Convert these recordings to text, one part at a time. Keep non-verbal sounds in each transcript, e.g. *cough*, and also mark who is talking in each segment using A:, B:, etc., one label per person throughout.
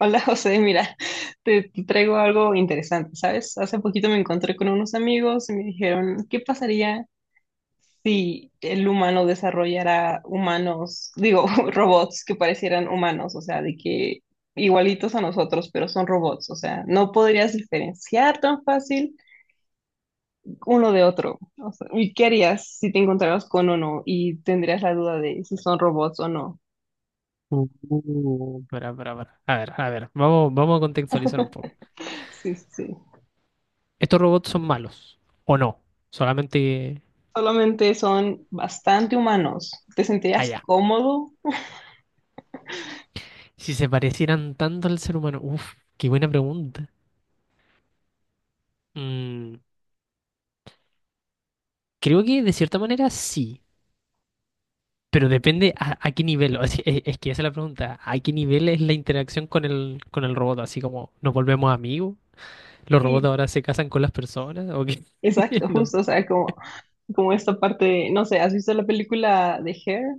A: Hola *laughs* José, mira, te traigo algo interesante, ¿sabes? Hace poquito me encontré con unos amigos y me dijeron, ¿qué pasaría si el humano desarrollara humanos, digo, *laughs* robots que parecieran humanos, o sea, de que igualitos a nosotros, pero son robots, o sea, no podrías diferenciar tan fácil uno de otro. O sea, ¿y qué harías si te encontraras con uno y tendrías la duda de si son robots o no?
B: Pará, pará, pará. A ver, vamos a contextualizar un poco.
A: Sí, sí.
B: ¿Estos robots son malos o no? Solamente
A: Solamente son bastante humanos. ¿Te sentirías
B: allá.
A: cómodo?
B: Si se parecieran tanto al ser humano. Uf, qué buena pregunta. Mm, creo que de cierta manera sí, pero depende a qué nivel. O sea, es que esa es la pregunta. ¿A qué nivel es la interacción con el robot? Así como nos volvemos amigos. ¿Los robots
A: Sí,
B: ahora se casan con las personas? ¿O qué? *laughs*
A: exacto,
B: No.
A: justo. O sea, como, como esta parte, no sé, ¿has visto la película de Hair?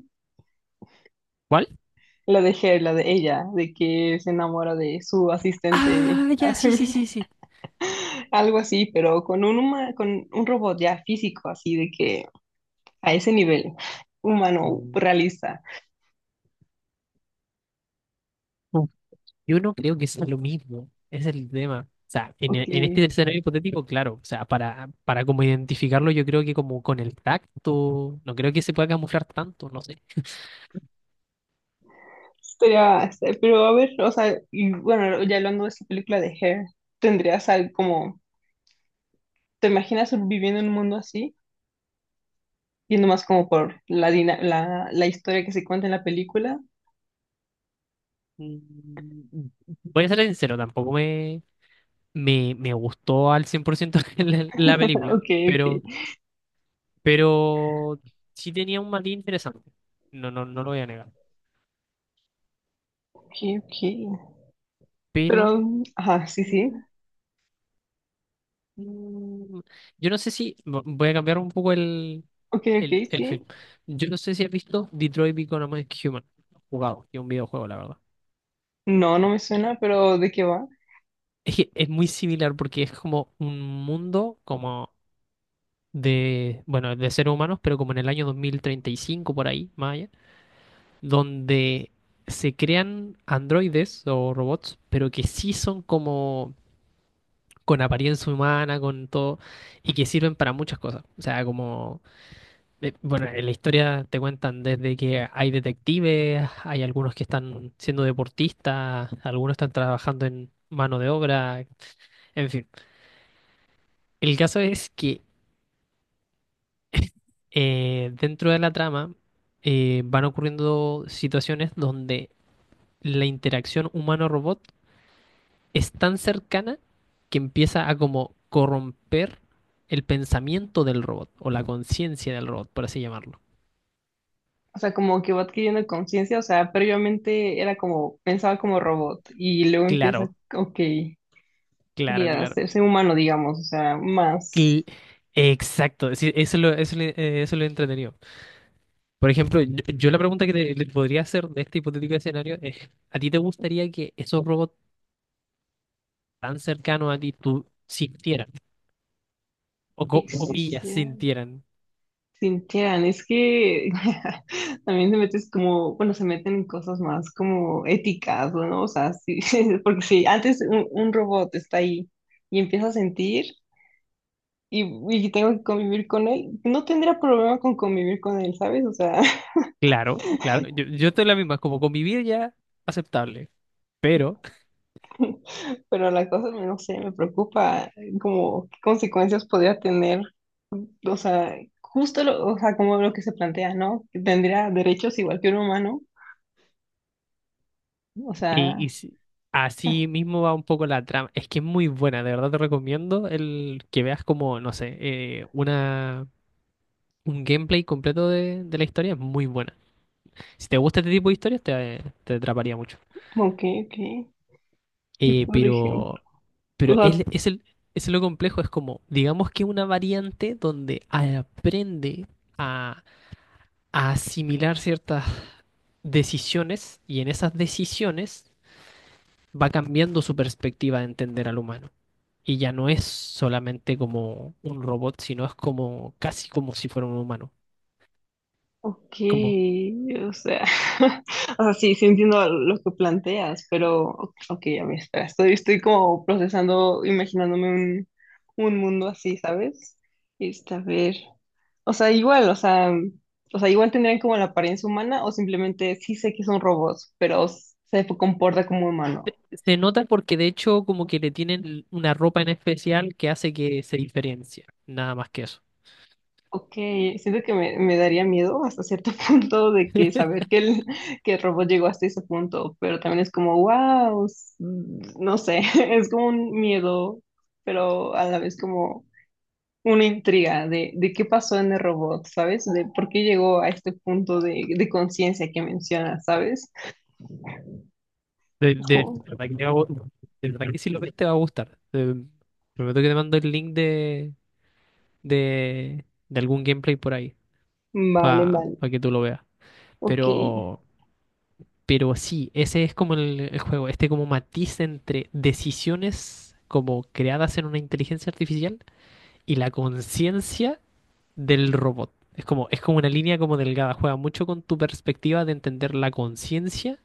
B: ¿Cuál?
A: La de Hair, la de ella, de que se enamora de su asistente,
B: Ah, ya, sí, sí,
A: *laughs*
B: sí, sí.
A: algo así, pero con un, con un robot ya físico, así de que a ese nivel, humano,
B: Mm.
A: realista.
B: Yo no creo que sea lo mismo, ese es el tema. O sea,
A: Ok,
B: en este escenario hipotético, claro, o sea, para como identificarlo, yo creo que como con el tacto, no creo que se pueda camuflar tanto, no sé.
A: sería, pero a ver, o sea, y bueno, ya hablando de esta película de Hair, ¿tendrías algo como... ¿Te imaginas viviendo en un mundo así? Yendo más como por la, la, la historia que se cuenta en la película. *laughs*
B: Mm, Voy a ser sincero, tampoco me, me, me gustó al 100% *laughs* la película,
A: Ok, ok.
B: pero sí tenía un matiz interesante, no lo voy a negar.
A: Ok, ok. Pero,
B: Pero
A: ajá, sí, sí.
B: Mm, yo no sé si voy a cambiar un poco
A: Ok, ok,
B: el
A: sí.
B: film. Yo no sé si has visto Detroit Become Human. Jugado, que es un videojuego, la verdad.
A: No, no me suena, pero ¿de qué va?
B: Es que es muy similar porque es como un mundo como de. Bueno, de seres humanos, pero como en el año 2035 por ahí, más allá, donde se crean androides o robots, pero que sí son como con apariencia humana, con todo, y que sirven para muchas cosas. O sea, como. Bueno, en la historia te cuentan desde que hay detectives, hay algunos que están siendo deportistas, algunos están trabajando en mano de obra, en fin. El caso es que dentro de la trama van ocurriendo situaciones donde la interacción humano-robot es tan cercana que empieza a como corromper el pensamiento del robot o la conciencia del robot, por así llamarlo.
A: O sea, como que va adquiriendo conciencia. O sea, previamente era como, pensaba como robot y luego empieza,
B: Claro,
A: ok, que
B: claro,
A: a
B: claro.
A: hacerse humano, digamos. O sea, más.
B: Cl- Exacto, sí, eso lo he entretenido. Por ejemplo, yo la pregunta que le podría hacer de este hipotético escenario es, ¿a ti te gustaría que esos robots tan cercanos a ti tú sintieran? O
A: Sí, sí, sí.
B: comillas, sintieran.
A: Sintieran, es que *laughs* también te metes como, bueno, se meten en cosas más como éticas, ¿no? O sea, sí, *laughs* porque si antes un robot está ahí y empieza a sentir y, y tengo que convivir con él, no tendría problema con convivir con él, ¿sabes? O sea, *laughs*
B: Claro, claro, yo estoy en la misma, como convivir ya aceptable, pero
A: pero la cosa, no sé, me preocupa como qué consecuencias podría tener, o sea, justo lo, o sea, como lo que se plantea, ¿no? Que tendría derechos igual que un humano, o
B: y,
A: sea,
B: y si- así mismo va un poco la trama. Es que es muy buena, de verdad te recomiendo el que veas como, no sé, un gameplay completo de la historia, es muy buena. Si te gusta este tipo de historias, te atraparía mucho.
A: como que... Y
B: Eh,
A: por ejemplo,
B: pero,
A: o
B: pero
A: sea,
B: es lo complejo, es como, digamos que una variante donde aprende a, a asimilar ciertas decisiones y en esas decisiones va cambiando su perspectiva de entender al humano. Y ya no es solamente como un robot, sino es como casi como si fuera un humano.
A: ok,
B: Como
A: o sea, *laughs* o sea, sí, sí entiendo lo que planteas, pero, ok, a ver, espera, estoy, estoy como procesando, imaginándome un mundo así, ¿sabes? Este, a ver, o sea, igual, o sea, o sea, igual tendrían como la apariencia humana o simplemente sí sé que son robots, pero se comporta como humano.
B: se nota porque de hecho como que le tienen una ropa en especial que hace que se diferencie. Nada más que eso.
A: Ok, siento que me daría miedo hasta cierto *laughs* punto de que saber
B: *laughs*
A: que el robot llegó hasta ese punto, pero también es como, wow, no sé, *laughs* es como un miedo, pero a la vez como una intriga de qué pasó en el robot, ¿sabes? De por qué llegó a este punto de conciencia que mencionas, ¿sabes? Es
B: De
A: como,
B: verdad que, te va a gu- de verdad que si lo ves te va a gustar. Prometo que te mando el link de algún gameplay por ahí
A: vale,
B: para
A: vale,
B: que tú lo veas.
A: ok,
B: Pero, pero sí, ese es como el juego, este como matiz entre decisiones como creadas en una inteligencia artificial y la conciencia del robot. Es como una línea como delgada, juega mucho con tu perspectiva de entender la conciencia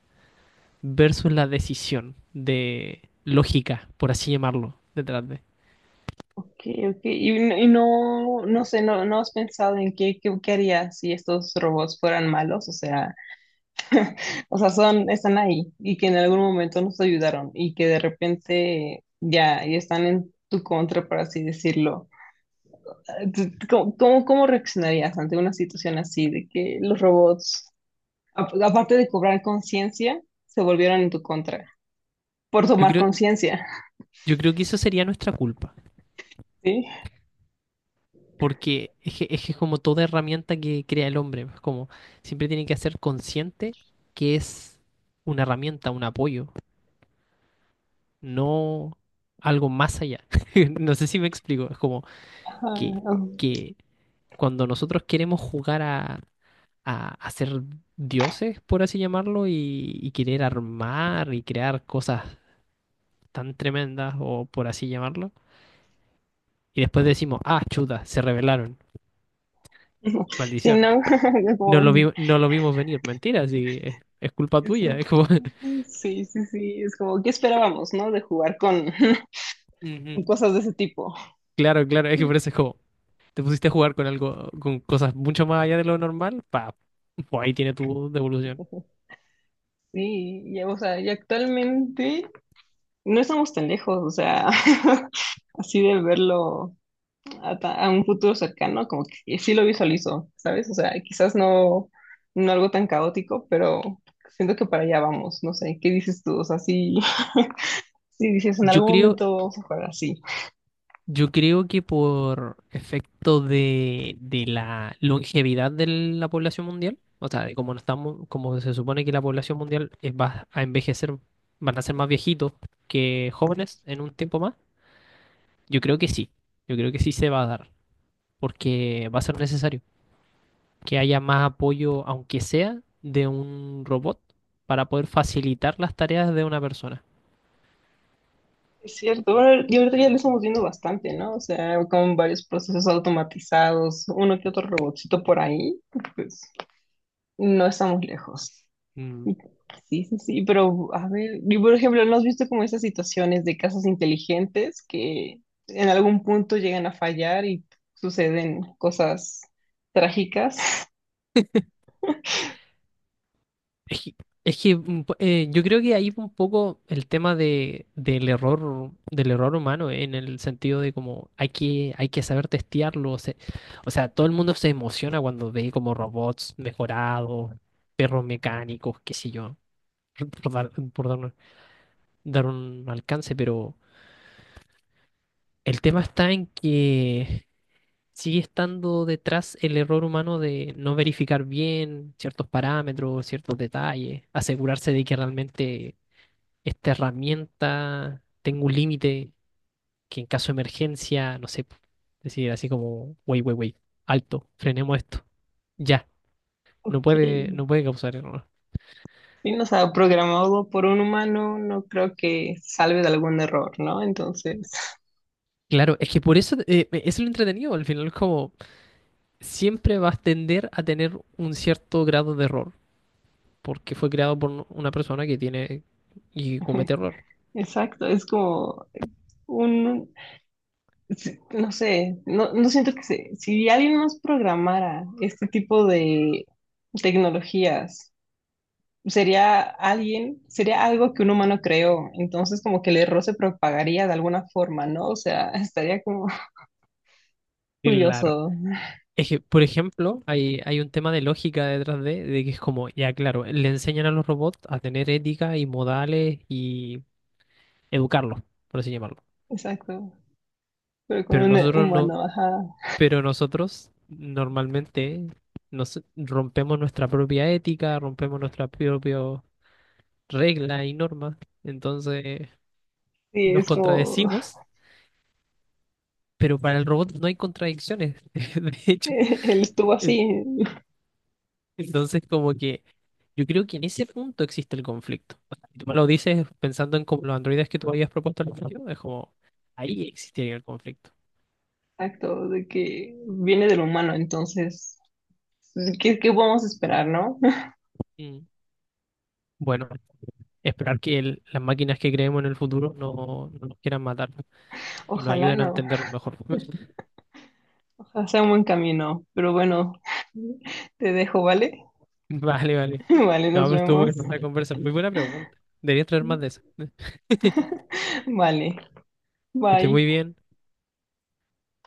B: versus la decisión de lógica, por así llamarlo, detrás de.
A: ok, ok, y, y no, no sé, no, no has pensado en qué, qué, qué harías si estos robots fueran malos, o sea... O sea, son, están ahí y que en algún momento nos ayudaron y que de repente ya, ya están en tu contra, por así decirlo. ¿Cómo, cómo, cómo reaccionarías ante una situación así de que los robots, aparte de cobrar conciencia, se volvieron en tu contra por
B: Yo
A: tomar
B: creo,
A: conciencia?
B: yo creo que eso sería nuestra culpa,
A: Sí.
B: porque es que es como toda herramienta que crea el hombre, es como siempre tiene que ser consciente que es una herramienta, un apoyo, no algo más allá. *laughs* No sé si me explico, es como
A: Ajá.
B: que, que cuando nosotros queremos jugar a ser dioses, por así llamarlo, y querer armar y crear cosas tan tremendas, o por así llamarlo, y después decimos, ah, chuta, se rebelaron,
A: Sí,
B: maldición.
A: no, *laughs* como,
B: No lo vimos venir, mentira, sí, es culpa
A: es-
B: tuya. Es como, *laughs*
A: sí, sí, sí, es como, ¿qué esperábamos, no? De jugar con *laughs*
B: Ujú.
A: cosas de ese tipo.
B: Claro, claro, es que por eso es como, te pusiste a jugar con algo, con cosas mucho más allá de lo normal, pa, pues ahí tiene tu devolución.
A: Sí, y, o sea, y actualmente no estamos tan lejos, o sea, *laughs* así de verlo a, a un futuro cercano, como que sí lo visualizo, ¿sabes? O sea, quizás no, no algo tan caótico, pero siento que para allá vamos, no sé, ¿qué dices tú? O sea, sí, *laughs* sí dices, en
B: Yo
A: algún
B: creo,
A: momento vamos a jugar así.
B: Yo creo que por efecto de la longevidad de la población mundial, o sea, de como no estamos, como se supone que la población mundial va a envejecer, van a ser más viejitos que jóvenes en un tiempo más, yo creo que sí, yo creo que sí se va a dar, porque va a ser necesario que haya más apoyo, aunque sea de un robot, para poder facilitar las tareas de una persona.
A: Es cierto, bueno, y ahorita ya lo estamos viendo bastante, ¿no? O sea, con varios procesos automatizados, uno que otro robotcito por ahí, pues no estamos lejos.
B: Mm.
A: Sí, sí, sí, pero a ver, y por ejemplo, ¿no has visto como esas situaciones de casas inteligentes que en algún punto llegan a fallar y suceden cosas trágicas? *laughs*
B: Es que, es que, mm, po- yo creo que ahí un poco el tema del error humano, en el sentido de como hay que saber testearlo. O sea, todo el mundo se emociona cuando ve como robots mejorados, perros mecánicos, qué sé yo, *laughs* por dar un alcance, pero el tema está en que sigue estando detrás el error humano de no verificar bien ciertos parámetros, ciertos detalles, asegurarse de que realmente esta herramienta, tengo un límite que en caso de emergencia, no sé, decir así como, wey, wey, wey, alto, frenemos esto, ya,
A: Ok.
B: no puede causar error.
A: Sí, no, o sea, programado por un humano, no creo que salve de algún error, ¿no? Entonces,
B: Claro, es que por eso es lo entretenido, al final es como siempre vas a tender a tener un cierto grado de error, porque fue creado por una persona que tiene y comete
A: *laughs*
B: errores.
A: exacto, es como un, sí, no sé, no, no siento que se, si alguien nos programara este tipo de tecnologías sería alguien, sería algo que un humano creó, entonces como que el error se propagaría de alguna forma, ¿no? O sea, estaría como *laughs*
B: Claro.
A: curioso,
B: Es que, por ejemplo, hay un tema de lógica detrás de que es como, ya claro, le enseñan a los robots a tener ética y modales y educarlos, por así llamarlo.
A: exacto, pero con
B: Pero
A: un
B: nosotros no,
A: humano, ajá.
B: pero nosotros normalmente nos rompemos nuestra propia ética, rompemos nuestra propia regla y normas, entonces
A: Sí,
B: nos
A: es como,
B: contradecimos, pero para el robot no hay contradicciones. *laughs* De
A: *laughs*
B: hecho,
A: él estuvo así,
B: entonces, como que yo creo que en ese punto existe el conflicto. O sea, si tú me lo dices pensando en como los androides que tú habías propuesto al principio, es como ahí existiría el conflicto.
A: exacto, de que viene del humano, entonces, ¿qué, qué podemos esperar, no? *laughs*
B: Mm. Bueno, esperar que las máquinas que creemos en el futuro no nos quieran matar y nos
A: Ojalá
B: ayuden a
A: no,
B: entendernos mejor. *laughs*
A: ojalá sea un buen camino, pero bueno, *laughs* te dejo, ¿vale?
B: Vale, vale.
A: *laughs* Vale,
B: No,
A: nos
B: pero estuvo
A: vemos.
B: buena la conversa. Muy buena pregunta. Deberías traer más de esas. *laughs*
A: Vale,
B: Que esté muy
A: bye.
B: bien.